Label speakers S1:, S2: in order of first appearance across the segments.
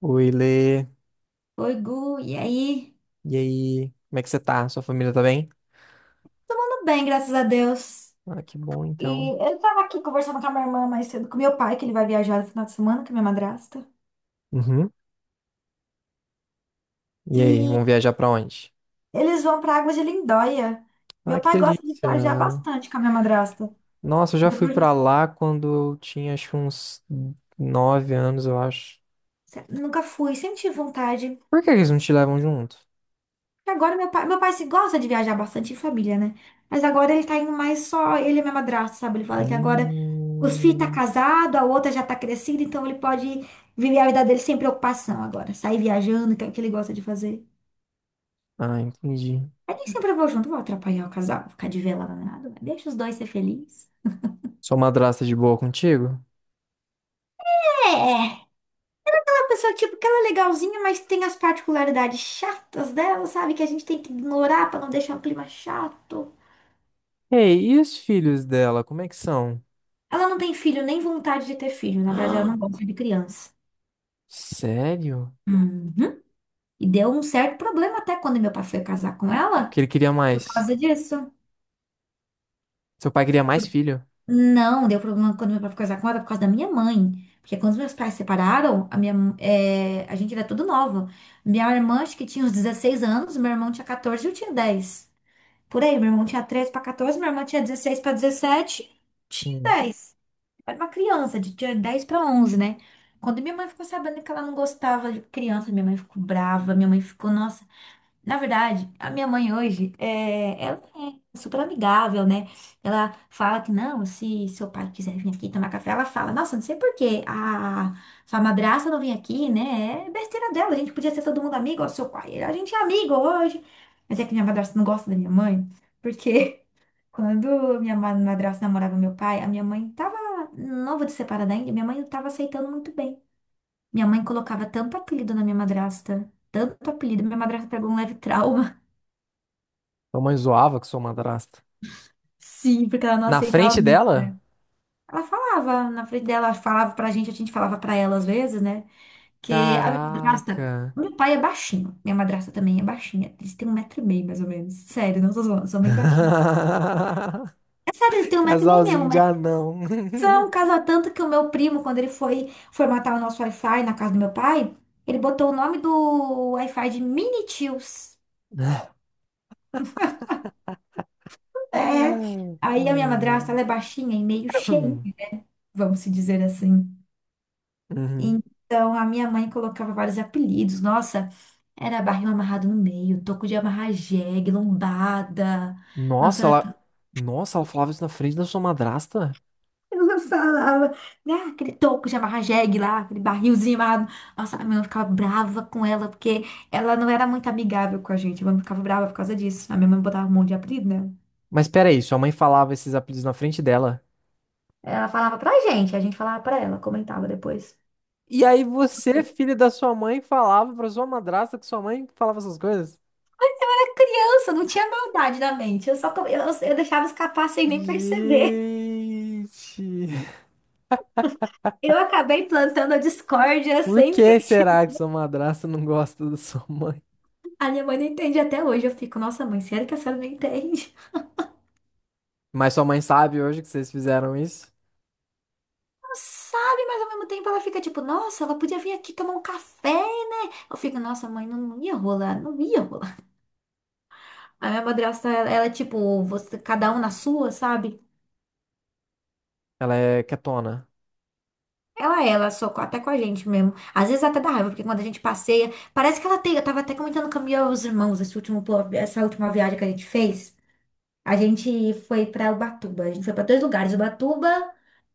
S1: Oi, Lê.
S2: Oi, Gu, e aí?
S1: E aí? Como é que você tá? Sua família tá bem?
S2: Tudo bem, graças a Deus.
S1: Ah, que bom,
S2: E
S1: então.
S2: eu tava aqui conversando com a minha irmã mais cedo, com meu pai, que ele vai viajar no final de semana, com a minha madrasta.
S1: Uhum. E aí,
S2: E
S1: vamos viajar pra onde?
S2: eles vão pra Águas de Lindóia.
S1: Ah,
S2: Meu
S1: que
S2: pai gosta de viajar
S1: delícia.
S2: bastante com a minha madrasta.
S1: Nossa, eu já fui
S2: Depois,
S1: pra lá quando eu tinha, acho que uns nove anos, eu acho.
S2: nunca fui, sempre tive vontade.
S1: Por que que eles não te levam junto?
S2: Agora meu pai se gosta de viajar bastante em família, né? Mas agora ele tá indo mais só ele e minha madrasta, sabe? Ele fala que agora os filhos tá
S1: Hum...
S2: casado, a outra já tá crescida, então ele pode viver a vida dele sem preocupação agora. Sair viajando, que é o que ele gosta de fazer.
S1: Ah, entendi.
S2: Aí nem sempre eu vou junto, vou atrapalhar o casal, vou ficar de velada nada, mas deixa os dois ser felizes.
S1: Sua madrasta é de boa contigo?
S2: É, uma pessoa tipo que ela é legalzinha, mas tem as particularidades chatas dela, sabe? Que a gente tem que ignorar pra não deixar o clima chato.
S1: Ei, e os filhos dela, como é que são?
S2: Ela não tem filho, nem vontade de ter filho, na verdade ela não gosta de criança.
S1: Sério?
S2: Uhum. E deu um certo problema até quando meu pai foi casar com ela,
S1: Que ele queria
S2: por
S1: mais.
S2: causa disso.
S1: Seu pai queria mais filho?
S2: Não, deu problema quando meu pai foi casar com ela por causa da minha mãe. Porque quando os meus pais separaram, a gente era tudo novo. Minha irmã acho que tinha uns 16 anos, meu irmão tinha 14, e eu tinha 10. Por aí, meu irmão tinha 13 para 14, minha irmã tinha 16 para 17. Tinha
S1: Hum.
S2: 10, era uma criança, tinha 10 para 11, né? Quando minha mãe ficou sabendo que ela não gostava de criança, minha mãe ficou brava, minha mãe ficou, nossa. Na verdade, a minha mãe hoje, ela é super amigável, né? Ela fala que não, se seu pai quiser vir aqui tomar café, ela fala, nossa, não sei por que a sua madrasta não vem aqui, né? É besteira dela, a gente podia ser todo mundo amigo, ó, seu pai, a gente é amigo hoje. Mas é que minha madrasta não gosta da minha mãe, porque quando minha madrasta namorava meu pai, a minha mãe tava, não de separada ainda, minha mãe não tava aceitando muito bem. Minha mãe colocava tanto apelido na minha madrasta, tanto apelido, minha madrasta pegou um leve trauma.
S1: Sua mãe zoava com sua madrasta.
S2: Sim, porque ela não
S1: Na
S2: aceitava
S1: frente
S2: muito.
S1: dela?
S2: Ela falava na frente dela, falava pra gente, a gente falava pra ela às vezes, né? Que a minha madrasta,
S1: Caraca.
S2: meu pai é baixinho, minha madrasta também é baixinha. Eles têm um metro e meio, mais ou menos. Sério, não tô zoando, são bem baixinhos. É sério, eles têm um metro e meio mesmo,
S1: Casalzinho
S2: um
S1: de
S2: metro.
S1: anão.
S2: São um casal tanto que o meu primo, quando ele foi formatar o nosso Wi-Fi na casa do meu pai, ele botou o nome do Wi-Fi de Mini Tios. É.
S1: Ai,
S2: Aí a minha madrasta,
S1: ai.
S2: ela é baixinha e meio cheinha, vamos se dizer assim.
S1: Uhum.
S2: Então, a minha mãe colocava vários apelidos. Nossa, era barril amarrado no meio, toco de amarrar jegue, lombada. Nossa,
S1: Nossa,
S2: ela
S1: ela... Nossa, ela falava isso na frente da sua madrasta?
S2: ela falava, né, aquele toco de amarrar jegue lá, aquele barrilzinho amarrado. Nossa, a minha mãe ficava brava com ela, porque ela não era muito amigável com a gente. A minha mãe ficava brava por causa disso. A minha mãe botava um monte de apelido, né?
S1: Mas peraí, sua mãe falava esses apelidos na frente dela.
S2: Ela falava pra gente, a gente falava pra ela, comentava depois.
S1: E aí você, filho da sua mãe, falava pra sua madrasta que sua mãe falava essas coisas?
S2: Criança, não tinha maldade na mente. Eu só, eu deixava escapar sem nem perceber.
S1: Gente!
S2: Eu acabei plantando a discórdia
S1: Por
S2: sempre.
S1: que será que sua madrasta não gosta da sua mãe?
S2: A minha mãe não entende até hoje. Eu fico, nossa, mãe, sério que a senhora não entende?
S1: Mas sua mãe sabe hoje que vocês fizeram isso?
S2: Não sabe, mas ao mesmo tempo ela fica tipo, nossa, ela podia vir aqui tomar um café, né? Eu fico, nossa, mãe, não, não ia rolar, não ia rolar. A minha madrasta, ela é tipo, você, cada um na sua, sabe?
S1: Ela é quietona.
S2: Ela, até com a gente mesmo. Às vezes até dá raiva, porque quando a gente passeia, parece que ela tem. Eu tava até comentando com a os irmãos esse último, essa última viagem que a gente fez. A gente foi para Ubatuba. A gente foi para dois lugares, Ubatuba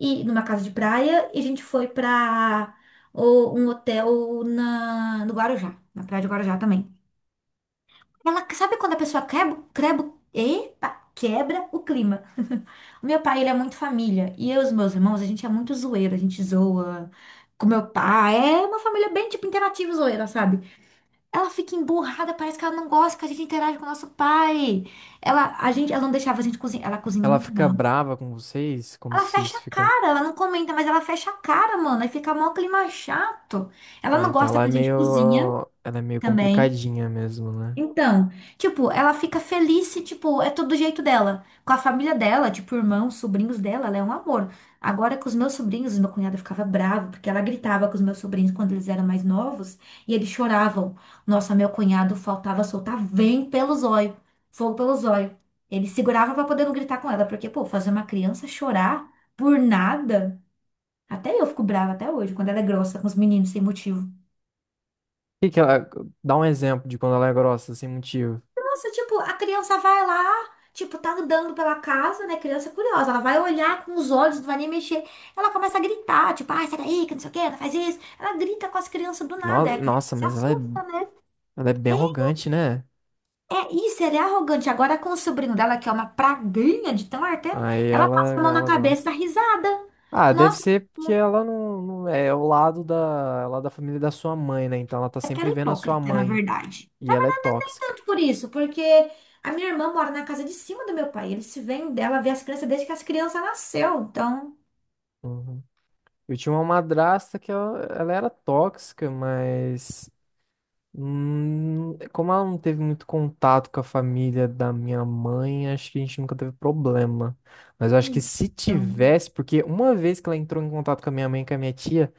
S2: e numa casa de praia, e a gente foi para um hotel no Guarujá, na praia de Guarujá também. Ela sabe quando a pessoa quebra o clima. O meu pai, ele é muito família, e eu e os meus irmãos, a gente é muito zoeiro, a gente zoa com meu pai. É uma família bem tipo interativa e zoeira, sabe? Ela fica emburrada, parece que ela não gosta que a gente interage com o nosso pai. Ela, a gente, ela não deixava a gente cozinhar, ela cozinha
S1: Ela
S2: muito
S1: fica
S2: mal.
S1: brava com vocês? Como
S2: Ela
S1: vocês
S2: fecha a
S1: ficam.
S2: cara, ela não comenta, mas ela fecha a cara, mano. Aí fica mó clima chato. Ela
S1: Ah,
S2: não
S1: então
S2: gosta
S1: ela é
S2: que a gente cozinha
S1: meio. Ela é meio
S2: também.
S1: complicadinha mesmo, né? O
S2: Então, tipo, ela fica feliz se, tipo, é todo do jeito dela. Com a família dela, tipo, irmãos, sobrinhos dela, ela é um amor. Agora, com os meus sobrinhos, meu cunhado ficava bravo, porque ela gritava com os meus sobrinhos quando eles eram mais novos, e eles choravam. Nossa, meu cunhado faltava soltar vem pelo zóio, fogo pelo zóio. Ele segurava pra poder não gritar com ela, porque, pô, fazer uma criança chorar por nada, até eu fico brava até hoje, quando ela é grossa com os meninos sem motivo.
S1: que que ela. Dá um exemplo de quando ela é grossa, sem motivo.
S2: Nossa, tipo, a criança vai lá, tipo, tá andando pela casa, né? Criança é curiosa, ela vai olhar com os olhos, não vai nem mexer. Ela começa a gritar, tipo, ai, sai daí, que não sei o quê, não faz isso. Ela grita com as crianças do
S1: No-
S2: nada, é, a criança
S1: Nossa,
S2: se
S1: mas ela é.
S2: assusta, né?
S1: Ela é bem arrogante, né?
S2: É isso, ele é arrogante. Agora com o sobrinho dela, que é uma praguinha de tão arteira,
S1: Aí
S2: ela
S1: ela,
S2: passa a mão na
S1: ela
S2: cabeça e dá
S1: gosta.
S2: risada.
S1: Ah, deve
S2: Nossa,
S1: ser porque ela não, não é o lado da, ela é da família da sua mãe, né? Então ela tá
S2: é aquela
S1: sempre vendo a sua
S2: hipócrita, na
S1: mãe.
S2: verdade.
S1: E
S2: Não
S1: ela
S2: é
S1: é tóxica.
S2: tanto por isso, porque a minha irmã mora na casa de cima do meu pai. Eles se veem dela, vê as crianças desde que as crianças nasceu, então.
S1: Uhum. Eu tinha uma madrasta que ela era tóxica, mas como ela não teve muito contato com a família da minha mãe, acho que a gente nunca teve problema. Mas eu acho que se
S2: Então,
S1: tivesse, porque uma vez que ela entrou em contato com a minha mãe e com a minha tia,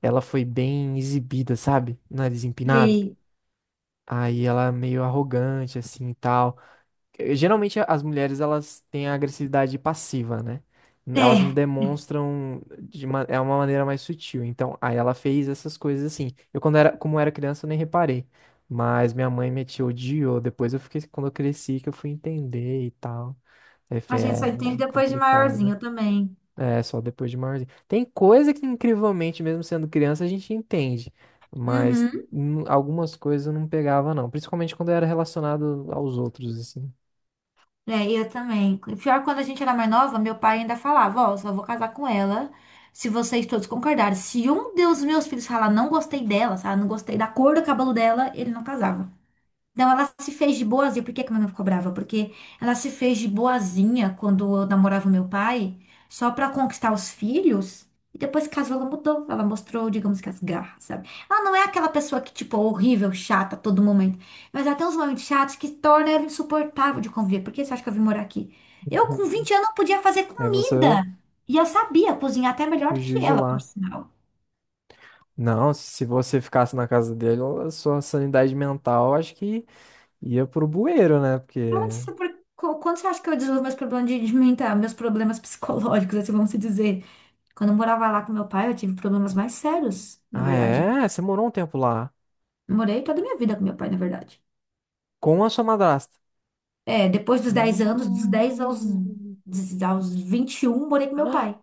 S1: ela foi bem exibida, sabe? Nariz empinado.
S2: sei.
S1: Aí ela é meio arrogante, assim, e tal. Geralmente as mulheres elas têm a agressividade passiva, né? Elas não
S2: É,
S1: demonstram de uma, é uma maneira mais sutil. Então, aí ela fez essas coisas assim. Eu quando era, como era criança, eu nem reparei. Mas minha mãe me tia odiou. Depois eu fiquei, quando eu cresci, que eu fui entender e tal. Aí eu
S2: a
S1: falei, é,
S2: gente só entende
S1: é
S2: depois de maiorzinho,
S1: complicada.
S2: eu também.
S1: É, só depois de maiorzinho. Tem coisa que, incrivelmente, mesmo sendo criança, a gente entende. Mas
S2: Uhum.
S1: algumas coisas eu não pegava, não. Principalmente quando era relacionado aos outros, assim.
S2: É, eu também. Pior, quando a gente era mais nova, meu pai ainda falava, ó, só vou casar com ela se vocês todos concordarem. Se um dos meus filhos falar não gostei dela, sabe, não gostei da cor do cabelo dela, ele não casava. Não, ela se fez de boazinha. Por que que minha mãe ficou brava? Porque ela se fez de boazinha quando eu namorava meu pai, só pra conquistar os filhos. E depois que casou, ela mudou. Ela mostrou, digamos que as garras, sabe? Ela não é aquela pessoa que, tipo, é horrível, chata a todo momento. Mas ela tem uns momentos chatos que torna ela insuportável de conviver. Por que você acha que eu vim morar aqui? Eu, com
S1: Uhum.
S2: 20 anos, não podia fazer
S1: Aí você
S2: comida. E eu sabia cozinhar até melhor
S1: fugiu
S2: que
S1: de
S2: ela, por
S1: lá.
S2: sinal.
S1: Não, se você ficasse na casa dele, a sua sanidade mental acho que ia pro bueiro, né? Porque.
S2: Então, isso é Quando você acha que eu desenvolvo meus problemas de mental, meus problemas psicológicos, assim, vamos se dizer? Quando eu morava lá com meu pai, eu tive problemas mais sérios, na
S1: Ah,
S2: verdade.
S1: é? Você morou um tempo lá.
S2: Morei toda a minha vida com meu pai, na verdade.
S1: Com a sua madrasta.
S2: É, depois dos 10 anos, dos 10 aos,
S1: Hum...
S2: aos 21 morei com meu
S1: Ah,
S2: pai.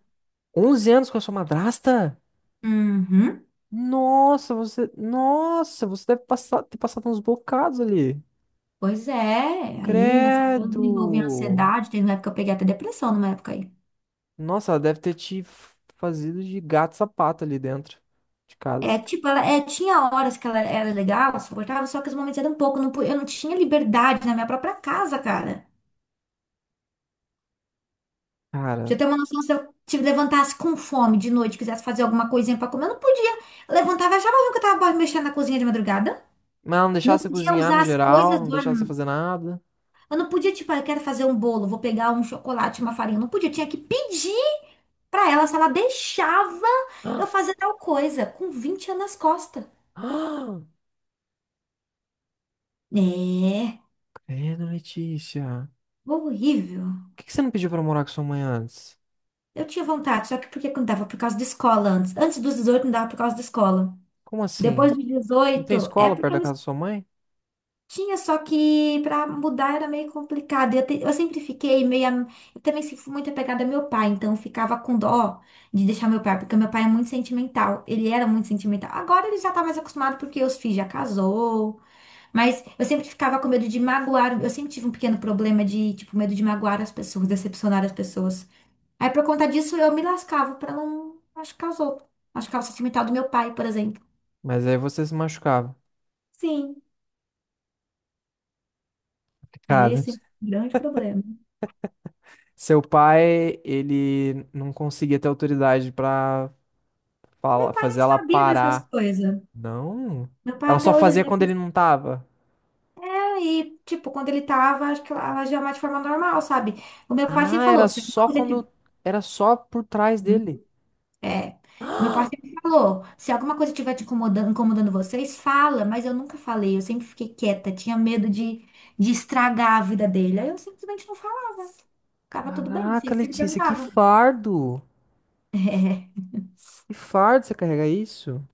S1: 11 anos com a sua madrasta?
S2: Uhum.
S1: Nossa, você. Nossa, você deve passar... ter passado uns bocados ali.
S2: Pois é, aí nessa época eu desenvolvi
S1: Credo!
S2: ansiedade, teve uma época que eu peguei até depressão numa época aí.
S1: Nossa, ela deve ter te fazido de gato e sapato ali dentro de
S2: É,
S1: casa.
S2: tipo, ela é, tinha horas que ela era legal, suportável, só que os momentos eram pouco, eu não, eu não tinha liberdade na minha própria casa, cara. Pra você
S1: Cara.
S2: tem uma noção, se eu te levantasse com fome de noite, quisesse fazer alguma coisinha pra comer, eu não podia. Eu levantava, achava ruim que eu tava mexendo na cozinha de madrugada.
S1: Mas ela não deixava
S2: Não
S1: você
S2: podia
S1: cozinhar no
S2: usar as
S1: geral,
S2: coisas
S1: não
S2: do... Eu
S1: deixava você fazer nada.
S2: não podia, tipo, ah, eu quero fazer um bolo, vou pegar um chocolate, uma farinha. Eu não podia, tinha que pedir pra ela se ela deixava eu fazer tal coisa, com 20 anos nas costas.
S1: Ah, ah,
S2: É,
S1: Credo, Letícia.
S2: horrível.
S1: Por que que você não pediu pra morar com sua mãe antes?
S2: Eu tinha vontade, só que porque não dava por causa da escola antes. Antes dos 18 não dava por causa da escola.
S1: Como
S2: Depois
S1: assim?
S2: dos
S1: Não tem
S2: 18 é
S1: escola
S2: porque
S1: perto
S2: eu
S1: da
S2: me.
S1: casa da sua mãe?
S2: Tinha, só que para mudar era meio complicado. Eu, eu sempre fiquei meio. Eu também fui muito apegada ao meu pai, então eu ficava com dó de deixar meu pai, porque meu pai é muito sentimental. Ele era muito sentimental. Agora ele já tá mais acostumado porque os filhos já casou. Mas eu sempre ficava com medo de magoar. Eu sempre tive um pequeno problema de, tipo, medo de magoar as pessoas, decepcionar as pessoas. Aí por conta disso eu me lascava pra não machucar os outros. Machucar o sentimental do meu pai, por exemplo.
S1: Mas aí você se machucava.
S2: Sim. Aí
S1: Cara,
S2: esse é um grande problema.
S1: seu pai, ele não conseguia ter autoridade pra
S2: Meu pai nem
S1: fazer ela
S2: sabia dessas
S1: parar.
S2: coisas.
S1: Não.
S2: Meu pai
S1: Ela
S2: até
S1: só
S2: hoje ele
S1: fazia quando
S2: deve
S1: ele não tava.
S2: e, tipo, quando ele tava, acho que ela agia mais de forma normal, sabe? O meu pai sempre
S1: Ah, era
S2: falou, se alguma
S1: só
S2: coisa
S1: quando.
S2: tiver...
S1: Era só por trás
S2: Uhum.
S1: dele.
S2: É. O meu pai sempre falou, se alguma coisa estiver te incomodando, incomodando vocês, fala, mas eu nunca falei, eu sempre fiquei quieta, tinha medo de estragar a vida dele. Aí eu simplesmente não falava. Tava tudo bem,
S1: Caraca,
S2: sempre que ele
S1: Letícia, que
S2: perguntava.
S1: fardo. Que fardo você carregar isso?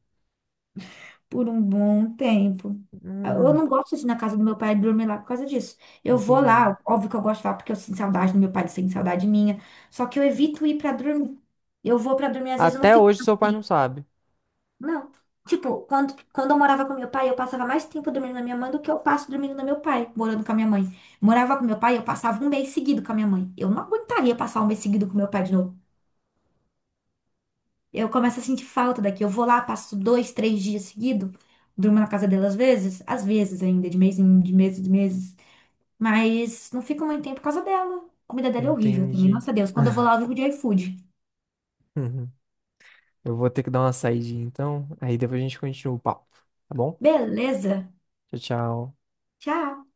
S2: Por um bom tempo. Eu
S1: Hum,
S2: não gosto de ir na casa do meu pai e dormir lá por causa disso. Eu vou
S1: entendi.
S2: lá, óbvio que eu gosto de lá porque eu sinto saudade do meu pai, ele sente saudade minha. Só que eu evito ir pra dormir. Eu vou pra dormir, às vezes eu não
S1: Até
S2: fico
S1: hoje
S2: tanto
S1: seu pai não
S2: tempo.
S1: sabe.
S2: Não. Tipo, quando eu morava com meu pai, eu passava mais tempo dormindo na minha mãe do que eu passo dormindo no meu pai, morando com a minha mãe. Morava com meu pai, eu passava um mês seguido com a minha mãe. Eu não aguentaria passar um mês seguido com meu pai de novo. Eu começo a sentir falta daqui. Eu vou lá, passo dois, três dias seguido, durmo na casa dela às vezes ainda, de mês em de meses, de meses. Mas não fico muito tempo por causa dela. A comida dela é horrível também.
S1: Entendi.
S2: Nossa Deus, quando eu vou lá, eu vivo de iFood.
S1: Uhum. Eu vou ter que dar uma saidinha então. Aí depois a gente continua o papo, tá bom?
S2: Beleza.
S1: Tchau, tchau.
S2: Tchau.